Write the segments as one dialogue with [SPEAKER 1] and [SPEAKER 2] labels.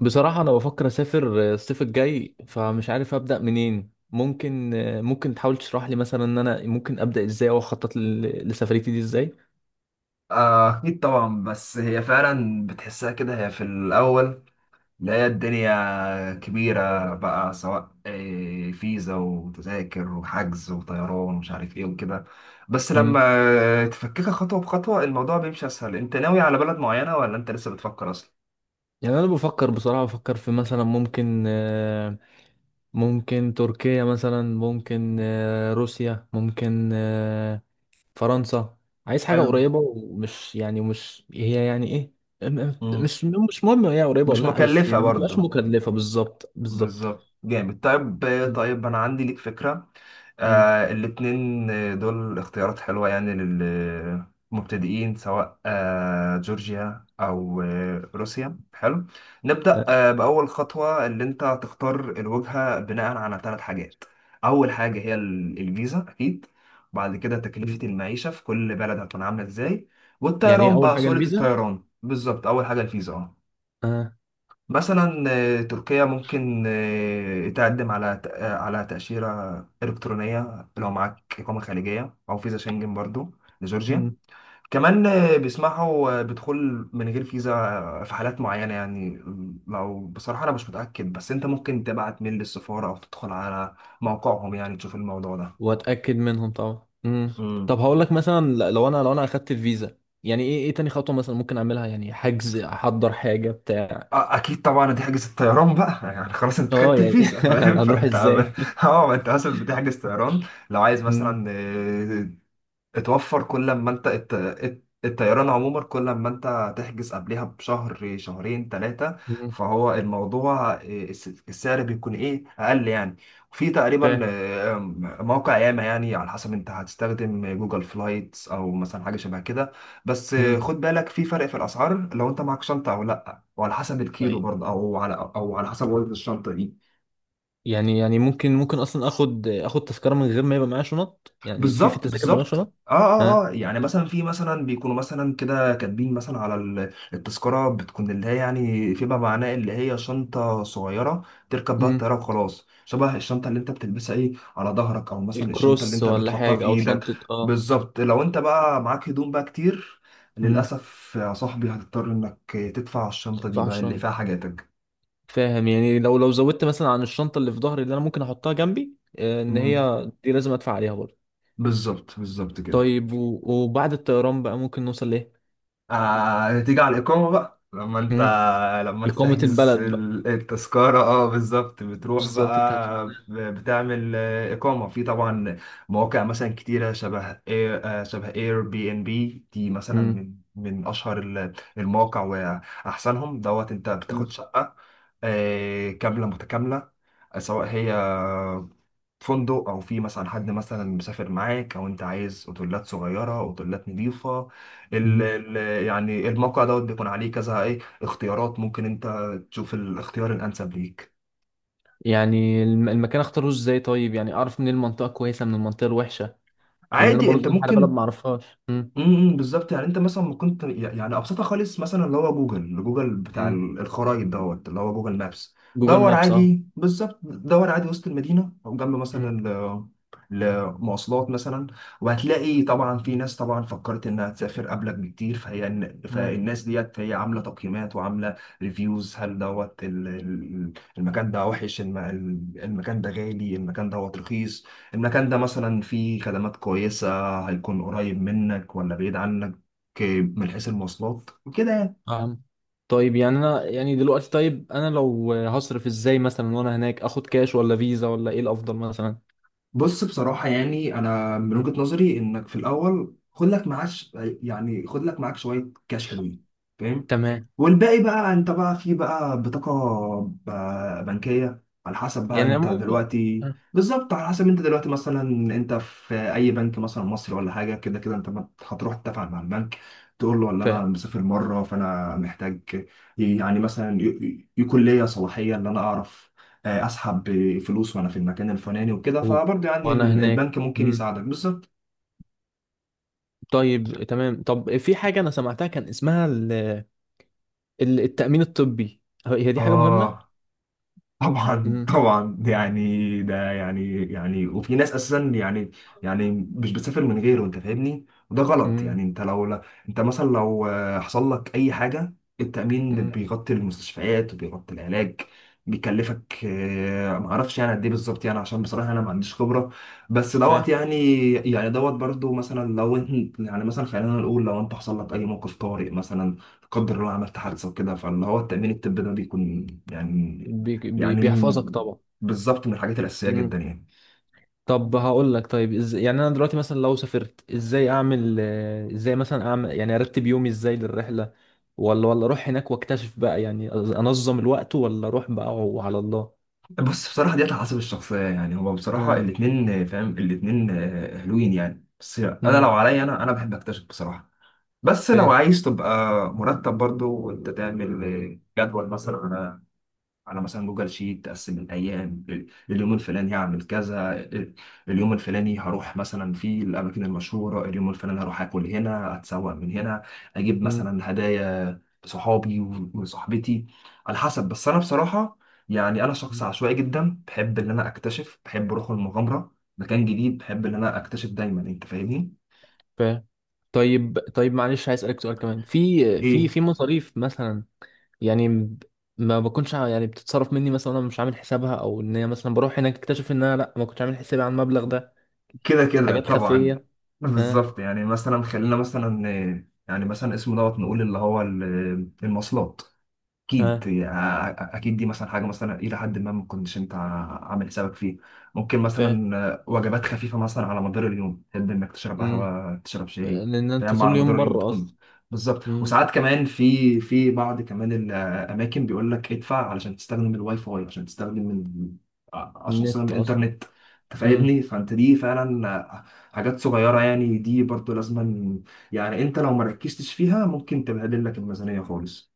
[SPEAKER 1] بصراحة أنا بفكر أسافر الصيف الجاي، فمش عارف أبدأ منين. ممكن تحاول تشرح لي مثلا إن أنا ممكن أبدأ إزاي، أو أخطط لسفريتي دي إزاي؟
[SPEAKER 2] أكيد طبعا، بس هي فعلا بتحسها كده، هي في الأول اللي هي الدنيا كبيرة بقى، سواء فيزا وتذاكر وحجز وطيران ومش عارف إيه وكده. بس لما
[SPEAKER 1] مم.
[SPEAKER 2] تفككها خطوة بخطوة الموضوع بيمشي أسهل. أنت ناوي على بلد معينة ولا أنت لسه بتفكر أصلا؟
[SPEAKER 1] يعني أنا بفكر، بصراحة بفكر في مثلا ممكن ممكن تركيا، مثلا ممكن روسيا، ممكن فرنسا. عايز حاجة
[SPEAKER 2] حلو.
[SPEAKER 1] قريبة، ومش يعني مش هي يعني إيه.
[SPEAKER 2] مم.
[SPEAKER 1] مش مهم هي قريبة
[SPEAKER 2] مش
[SPEAKER 1] ولا لأ، بس
[SPEAKER 2] مكلفة
[SPEAKER 1] يعني ما تبقاش
[SPEAKER 2] برضه.
[SPEAKER 1] مكلفة، بالظبط بالظبط.
[SPEAKER 2] بالظبط، جامد. طيب، طيب انا عندي ليك فكره.
[SPEAKER 1] مم.
[SPEAKER 2] آه الاتنين، دول اختيارات حلوه يعني للمبتدئين، سواء آه جورجيا او روسيا، حلو. نبدا باول خطوه، اللي انت هتختار الوجهه بناء على ثلاث حاجات. اول حاجه هي الفيزا اكيد، وبعد كده تكلفه
[SPEAKER 1] مم.
[SPEAKER 2] المعيشه في كل بلد هتكون عامله ازاي،
[SPEAKER 1] يعني ايه
[SPEAKER 2] والطيران
[SPEAKER 1] اول
[SPEAKER 2] بقى
[SPEAKER 1] حاجه
[SPEAKER 2] سهوله
[SPEAKER 1] الفيزا؟
[SPEAKER 2] الطيران. بالظبط، اول حاجه الفيزا اه.
[SPEAKER 1] اه.
[SPEAKER 2] مثلا تركيا ممكن تقدم على على تأشيرة إلكترونية لو معاك إقامة خارجية أو فيزا شنجن، برضو لجورجيا
[SPEAKER 1] مم.
[SPEAKER 2] كمان بيسمحوا بدخول من غير فيزا في حالات معينة يعني. لو بصراحة أنا مش متأكد، بس أنت ممكن تبعت ميل للسفارة أو تدخل على موقعهم يعني تشوف الموضوع ده.
[SPEAKER 1] واتاكد منهم طبعا.
[SPEAKER 2] مم.
[SPEAKER 1] طب هقول لك مثلا، لو انا اخدت الفيزا، يعني ايه تاني خطوه مثلا ممكن اعملها؟ يعني حجز، احضر حاجه بتاع.
[SPEAKER 2] أكيد طبعا، دي حجز الطيران بقى يعني خلاص أنت
[SPEAKER 1] اه
[SPEAKER 2] خدت
[SPEAKER 1] يعني
[SPEAKER 2] الفيزا فاهم،
[SPEAKER 1] هنروح
[SPEAKER 2] فأنت عمال-
[SPEAKER 1] ازاي؟
[SPEAKER 2] أه أنت مثلا بتحجز طيران. لو عايز
[SPEAKER 1] مم.
[SPEAKER 2] مثلا اتوفر، كل ما انت الطيران عموما، كل ما انت تحجز قبلها بشهر، شهرين، ثلاثة،
[SPEAKER 1] امم.
[SPEAKER 2] فهو الموضوع السعر بيكون ايه اقل يعني. في تقريبا
[SPEAKER 1] فاهم.
[SPEAKER 2] موقع ياما يعني، على حسب انت هتستخدم جوجل فلايتس او مثلا حاجة شبه كده. بس
[SPEAKER 1] امم.
[SPEAKER 2] خد بالك في فرق في الاسعار لو انت معك شنطة او لا، وعلى حسب الكيلو
[SPEAKER 1] طيب.
[SPEAKER 2] برضه، او على حسب وزن الشنطة دي.
[SPEAKER 1] يعني ممكن اصلا اخد تذكره من غير ما يبقى معايا شنط؟ يعني في
[SPEAKER 2] بالظبط
[SPEAKER 1] تذاكر من غير
[SPEAKER 2] بالظبط.
[SPEAKER 1] شنط؟
[SPEAKER 2] اه اه
[SPEAKER 1] ها.
[SPEAKER 2] اه يعني مثلا مثلا بيكونوا مثلا كده كاتبين مثلا على التذكرة، بتكون اللي هي يعني فيما معناه اللي هي شنطة صغيرة تركب بها
[SPEAKER 1] امم.
[SPEAKER 2] الطيارة وخلاص، شبه الشنطة اللي انت بتلبسها ايه على ظهرك، او مثلا الشنطة اللي
[SPEAKER 1] الكروس
[SPEAKER 2] انت
[SPEAKER 1] ولا
[SPEAKER 2] بتحطها في
[SPEAKER 1] حاجه او
[SPEAKER 2] ايدك.
[SPEAKER 1] شنطه، اه.
[SPEAKER 2] بالظبط. لو انت بقى معاك هدوم بقى كتير،
[SPEAKER 1] امم.
[SPEAKER 2] للأسف يا صاحبي هتضطر انك تدفع
[SPEAKER 1] ما
[SPEAKER 2] الشنطة دي بقى
[SPEAKER 1] ينفعش.
[SPEAKER 2] اللي فيها حاجاتك.
[SPEAKER 1] فاهم، يعني لو زودت مثلا عن الشنطه اللي في ظهري، اللي انا ممكن احطها جنبي، ان
[SPEAKER 2] مم.
[SPEAKER 1] هي دي لازم ادفع عليها برضه.
[SPEAKER 2] بالظبط بالظبط كده.
[SPEAKER 1] طيب، وبعد الطيران بقى ممكن نوصل لايه؟
[SPEAKER 2] آه تيجي على الإقامة بقى لما انت،
[SPEAKER 1] مم.
[SPEAKER 2] لما انت
[SPEAKER 1] اقامه
[SPEAKER 2] تحجز
[SPEAKER 1] البلد بقى،
[SPEAKER 2] التذكرة اه بالظبط، بتروح
[SPEAKER 1] بالظبط.
[SPEAKER 2] بقى بتعمل إقامة في طبعا مواقع مثلا كتيرة، شبه اير شبه اير بي ان بي دي مثلا،
[SPEAKER 1] مم.
[SPEAKER 2] من أشهر المواقع وأحسنهم دوت. انت بتاخد شقة كاملة متكاملة، سواء هي فندق او في مثلا حد مثلا مسافر معاك، او انت عايز اوتيلات صغيره، اوتيلات نظيفه. ال
[SPEAKER 1] مم.
[SPEAKER 2] ال يعني الموقع دوت بيكون عليه كذا ايه اختيارات، ممكن انت تشوف الاختيار الانسب ليك.
[SPEAKER 1] يعني المكان اختاره ازاي؟ طيب، يعني اعرف منين المنطقه كويسه من المنطقه الوحشه؟ لان انا
[SPEAKER 2] عادي
[SPEAKER 1] برضه
[SPEAKER 2] انت
[SPEAKER 1] رايح على بلد
[SPEAKER 2] ممكن،
[SPEAKER 1] ما اعرفهاش. مم.
[SPEAKER 2] بالظبط. يعني انت مثلا ما كنت، يعني ابسطها خالص مثلا اللي هو جوجل بتاع
[SPEAKER 1] مم.
[SPEAKER 2] الخرائط دوت، اللي هو جوجل مابس.
[SPEAKER 1] جوجل
[SPEAKER 2] دور
[SPEAKER 1] مابس، اه.
[SPEAKER 2] عادي، بالظبط، دور عادي وسط المدينه، او جنب مثلا
[SPEAKER 1] مم.
[SPEAKER 2] لمواصلات مثلا. وهتلاقي طبعا في ناس طبعا فكرت انها تسافر قبلك بكتير،
[SPEAKER 1] مم.
[SPEAKER 2] فالناس ديت فهي عامله تقييمات وعامله ريفيوز، هل دوت المكان ده وحش، المكان ده غالي، المكان دوت رخيص، المكان ده مثلا فيه خدمات كويسة، هيكون قريب منك ولا بعيد عنك من حيث المواصلات، كده يعني.
[SPEAKER 1] فاهم. طيب، يعني انا يعني دلوقتي، طيب انا لو هصرف ازاي مثلا وانا هناك؟ اخد كاش ولا فيزا ولا ايه الافضل مثلا؟
[SPEAKER 2] بص بصراحة يعني أنا من
[SPEAKER 1] مم.
[SPEAKER 2] وجهة نظري، إنك في الأول خد لك معاش، يعني خد لك معاك شوية كاش حلوين، فاهم.
[SPEAKER 1] تمام.
[SPEAKER 2] والباقي بقى انت بقى في بطاقة بنكية، على حسب بقى
[SPEAKER 1] يعني أنا
[SPEAKER 2] انت
[SPEAKER 1] ممكن
[SPEAKER 2] دلوقتي،
[SPEAKER 1] آه،
[SPEAKER 2] بالظبط على حسب انت دلوقتي مثلا انت في اي بنك، مثلا مصري ولا حاجة كده. كده انت ما هتروح تتفق مع البنك، تقول له والله
[SPEAKER 1] ف
[SPEAKER 2] انا مسافر مرة، فانا محتاج يعني مثلا يكون ليا صلاحية ان انا اعرف اسحب فلوس وانا في المكان الفلاني وكده،
[SPEAKER 1] و-
[SPEAKER 2] فبرضه يعني
[SPEAKER 1] وانا هناك.
[SPEAKER 2] البنك ممكن
[SPEAKER 1] مم.
[SPEAKER 2] يساعدك بالظبط.
[SPEAKER 1] طيب، تمام. طب في حاجة انا سمعتها، كان اسمها التأمين الطبي. هي دي حاجة مهمة؟
[SPEAKER 2] اه. طبعا
[SPEAKER 1] مم.
[SPEAKER 2] طبعا، يعني ده يعني يعني، وفي ناس اساسا يعني، يعني مش بتسافر من غيره، انت فاهمني، وده غلط
[SPEAKER 1] مم.
[SPEAKER 2] يعني. انت لو لا، انت مثلا لو حصل لك اي حاجه، التامين
[SPEAKER 1] مم.
[SPEAKER 2] بيغطي المستشفيات وبيغطي العلاج. بيكلفك ما اعرفش يعني قد ايه بالظبط، يعني عشان بصراحه انا ما عنديش خبره. بس
[SPEAKER 1] ف
[SPEAKER 2] دوت يعني يعني دوت برضو، مثلا لو انت يعني مثلا، خلينا نقول لو انت حصل لك اي موقف طارئ، مثلا لا قدر الله عملت حادثه وكده، فاللي هو التامين الطبي ده بيكون يعني، يعني
[SPEAKER 1] بيحفظك
[SPEAKER 2] م-
[SPEAKER 1] طبعا.
[SPEAKER 2] بالظبط من الحاجات الأساسية
[SPEAKER 1] مم.
[SPEAKER 2] جدا يعني.
[SPEAKER 1] طب هقول لك، طيب يعني انا دلوقتي مثلا لو سافرت، ازاي اعمل ازاي مثلا اعمل، يعني ارتب يومي ازاي للرحلة؟ ولا اروح هناك واكتشف بقى، يعني انظم الوقت، ولا اروح بقى وعلى الله؟
[SPEAKER 2] بص بصراحة ديت على حسب الشخصية، يعني هو بصراحة
[SPEAKER 1] اه.
[SPEAKER 2] الاتنين فاهم، الاتنين حلوين يعني. بس أنا
[SPEAKER 1] امم.
[SPEAKER 2] لو عليا أنا، بحب أكتشف بصراحة. بس لو
[SPEAKER 1] فاهم.
[SPEAKER 2] عايز تبقى مرتب برضو، وأنت تعمل جدول مثلا على مثلا جوجل شيت، تقسم الايام، اليوم الفلاني هعمل كذا، اليوم الفلاني هروح مثلا في الاماكن المشهوره، اليوم الفلاني هروح اكل هنا، اتسوق من هنا، اجيب مثلا هدايا صحابي وصاحبتي، على حسب. بس انا بصراحه يعني انا شخص
[SPEAKER 1] فاهم.
[SPEAKER 2] عشوائي جدا، بحب ان انا اكتشف، بحب روح المغامره، مكان جديد بحب ان انا اكتشف دايما، انت فاهمني.
[SPEAKER 1] طيب، طيب، معلش عايز اسالك سؤال كمان. في في
[SPEAKER 2] ايه.
[SPEAKER 1] في مصاريف مثلا، يعني ما بكونش يعني بتتصرف مني مثلا وانا مش عامل حسابها؟ او ان هي مثلا بروح هناك اكتشف ان انا لا، ما كنتش عامل حسابي على المبلغ ده.
[SPEAKER 2] كده كده
[SPEAKER 1] حاجات
[SPEAKER 2] طبعا.
[SPEAKER 1] خفيه. اه.
[SPEAKER 2] بالظبط يعني مثلا، خلينا مثلا يعني مثلا اسمه دوت نقول اللي هو المواصلات، اكيد
[SPEAKER 1] اه.
[SPEAKER 2] اكيد دي مثلا حاجه مثلا الى حد ما ما كنتش انت عامل حسابك فيه. ممكن
[SPEAKER 1] فاهم.
[SPEAKER 2] مثلا وجبات خفيفه مثلا على مدار اليوم، تحب انك تشرب
[SPEAKER 1] امم.
[SPEAKER 2] قهوه، تشرب شاي،
[SPEAKER 1] لان انت
[SPEAKER 2] فاهم،
[SPEAKER 1] طول
[SPEAKER 2] على
[SPEAKER 1] اليوم
[SPEAKER 2] مدار اليوم
[SPEAKER 1] بره
[SPEAKER 2] بتكون،
[SPEAKER 1] اصلا.
[SPEAKER 2] بالظبط.
[SPEAKER 1] امم.
[SPEAKER 2] وساعات كمان في بعض الاماكن بيقول لك ادفع علشان تستخدم الواي فاي، عشان تستخدم عشان تستخدم
[SPEAKER 1] النت اصلا.
[SPEAKER 2] الانترنت.
[SPEAKER 1] امم.
[SPEAKER 2] تفاعلني، فانت دي فعلا آه، حاجات صغيره يعني، دي برضو لازما يعني. انت لو ما ركزتش فيها ممكن تبهدل لك الميزانيه خالص.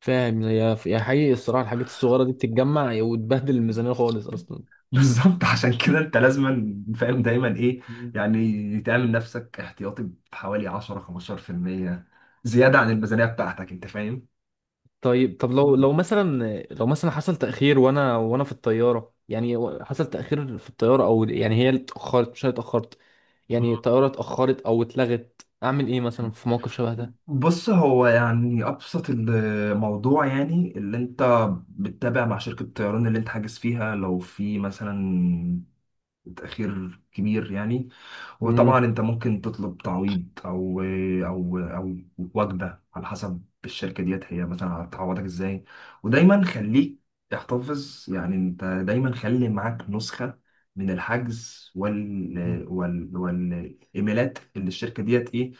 [SPEAKER 1] فاهم، هي حقيقي الصراحه الحاجات الصغيره دي بتتجمع وتبهدل الميزانيه خالص اصلا.
[SPEAKER 2] بالظبط، عشان كده انت لازما فاهم دايما ايه، يعني تعمل نفسك احتياطي بحوالي 10 15% زياده عن الميزانيه بتاعتك، انت فاهم.
[SPEAKER 1] طيب، لو لو مثلا حصل تأخير وانا في الطيارة، يعني حصل تأخير في الطيارة، او يعني هي اللي اتأخرت، مش انا اللي اتأخرت. يعني
[SPEAKER 2] مم.
[SPEAKER 1] الطيارة اتأخرت او اتلغت، اعمل ايه مثلا في موقف شبه ده؟
[SPEAKER 2] بص هو يعني ابسط الموضوع، يعني اللي انت بتتابع مع شركه الطيران اللي انت حاجز فيها، لو في مثلا تاخير كبير يعني.
[SPEAKER 1] مم.
[SPEAKER 2] وطبعا انت ممكن تطلب تعويض او وجبه، على حسب الشركه ديت هي مثلا هتعوضك ازاي. ودايما خليك احتفظ، يعني انت دايما خلي معاك نسخه من الحجز وال وال والايميلات اللي الشركه ديت ايه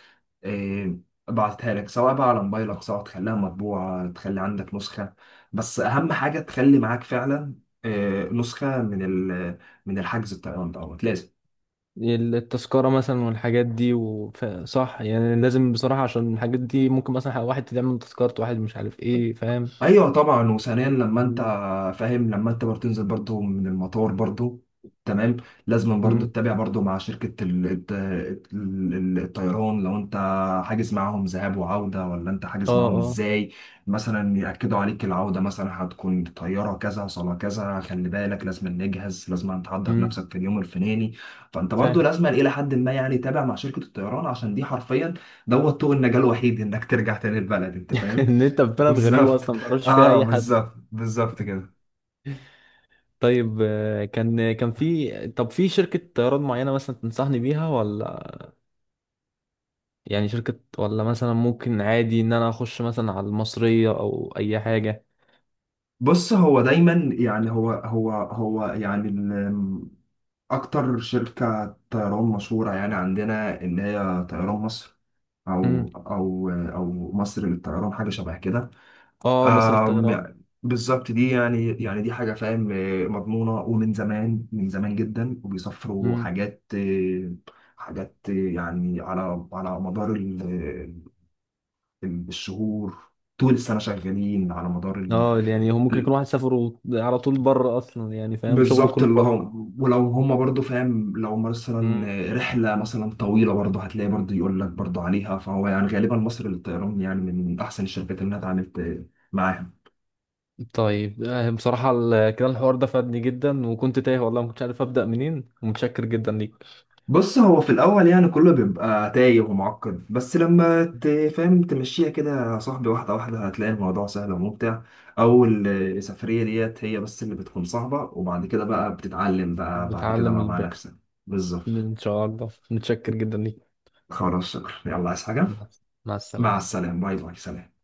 [SPEAKER 2] إيه، بعتها لك، سواء بقى على موبايلك، سواء تخليها مطبوعه، تخلي عندك نسخه، بس اهم حاجه تخلي معاك فعلا نسخه من ال من الحجز بتاع الطيران دوت لازم.
[SPEAKER 1] التذكرة مثلا والحاجات دي، صح، يعني لازم بصراحة، عشان الحاجات دي ممكن مثلا واحد تعمل تذكرة، واحد مش عارف ايه، فاهم.
[SPEAKER 2] ايوه طبعا. وثانيا لما انت
[SPEAKER 1] مم.
[SPEAKER 2] فاهم، لما انت برضه تنزل برضه من المطار برضه تمام، لازم برضه
[SPEAKER 1] مم.
[SPEAKER 2] تتابع برضه مع شركة الطيران، لو انت حاجز معاهم ذهاب وعودة ولا انت
[SPEAKER 1] اه.
[SPEAKER 2] حاجز معاهم
[SPEAKER 1] اه.
[SPEAKER 2] ازاي، مثلا يأكدوا عليك العودة مثلا هتكون طيارة كذا، صالة كذا، خلي بالك لازم نجهز، لازم تحضر
[SPEAKER 1] امم.
[SPEAKER 2] نفسك في اليوم الفلاني. فانت برضه
[SPEAKER 1] فاهم.
[SPEAKER 2] لازم الى حد ما يعني تتابع مع شركة الطيران، عشان دي حرفيا دوت طوق النجاة الوحيد انك ترجع تاني البلد، انت فاهم.
[SPEAKER 1] ان انت في بلد غريبة
[SPEAKER 2] بالظبط.
[SPEAKER 1] اصلا ما تعرفش فيها
[SPEAKER 2] اه
[SPEAKER 1] اي حد.
[SPEAKER 2] بالظبط بالظبط كده.
[SPEAKER 1] طيب، كان كان في، طب، في شركة طيران معينة مثلا تنصحني بيها ولا؟ يعني شركة، ولا مثلا ممكن عادي ان انا اخش مثلا على المصرية او اي حاجة؟
[SPEAKER 2] بص هو دايما يعني هو هو يعني اكتر شركة طيران مشهورة يعني عندنا اللي هي طيران مصر،
[SPEAKER 1] امم.
[SPEAKER 2] او مصر للطيران، حاجة شبه كده.
[SPEAKER 1] اه، مصر الطيران.
[SPEAKER 2] يعني بالظبط دي يعني يعني دي حاجة فاهم مضمونة، ومن زمان، من زمان جدا، وبيسافروا
[SPEAKER 1] امم.
[SPEAKER 2] حاجات حاجات يعني على على مدار بالشهور، طول السنة شغالين على مدار
[SPEAKER 1] اه يعني هو ممكن يكون
[SPEAKER 2] ال-
[SPEAKER 1] واحد سافر على طول بره اصلا، يعني فاهم شغله
[SPEAKER 2] بالظبط.
[SPEAKER 1] كله
[SPEAKER 2] اللي
[SPEAKER 1] بره.
[SPEAKER 2] هم، ولو هم برضو فاهم لو
[SPEAKER 1] امم.
[SPEAKER 2] مثلا رحلة مثلا طويلة، برضو هتلاقي برضو يقول لك برضو عليها. فهو يعني غالبا مصر للطيران يعني من أحسن الشركات اللي أنا اتعاملت معاها.
[SPEAKER 1] طيب، بصراحة كده الحوار ده فادني جدا، وكنت تايه والله ما كنتش عارف ابدأ منين. ومتشكر جدا ليك.
[SPEAKER 2] بص هو في الأول يعني كله بيبقى تايه ومعقد، بس لما تفهم تمشيها كده يا صاحبي واحدة واحدة، هتلاقي الموضوع سهل وممتع. أول سفرية ديت هي بس اللي بتكون صعبة، وبعد كده بقى بتتعلم بقى بعد كده
[SPEAKER 1] بتعلم
[SPEAKER 2] بقى مع
[SPEAKER 1] الباقي.
[SPEAKER 2] نفسك. بالظبط.
[SPEAKER 1] ان شاء الله، متشكر جدا ليك.
[SPEAKER 2] خلاص شكرا، يلا عايز حاجة؟
[SPEAKER 1] مع مع
[SPEAKER 2] مع
[SPEAKER 1] السلامة.
[SPEAKER 2] السلامة، باي باي، سلام.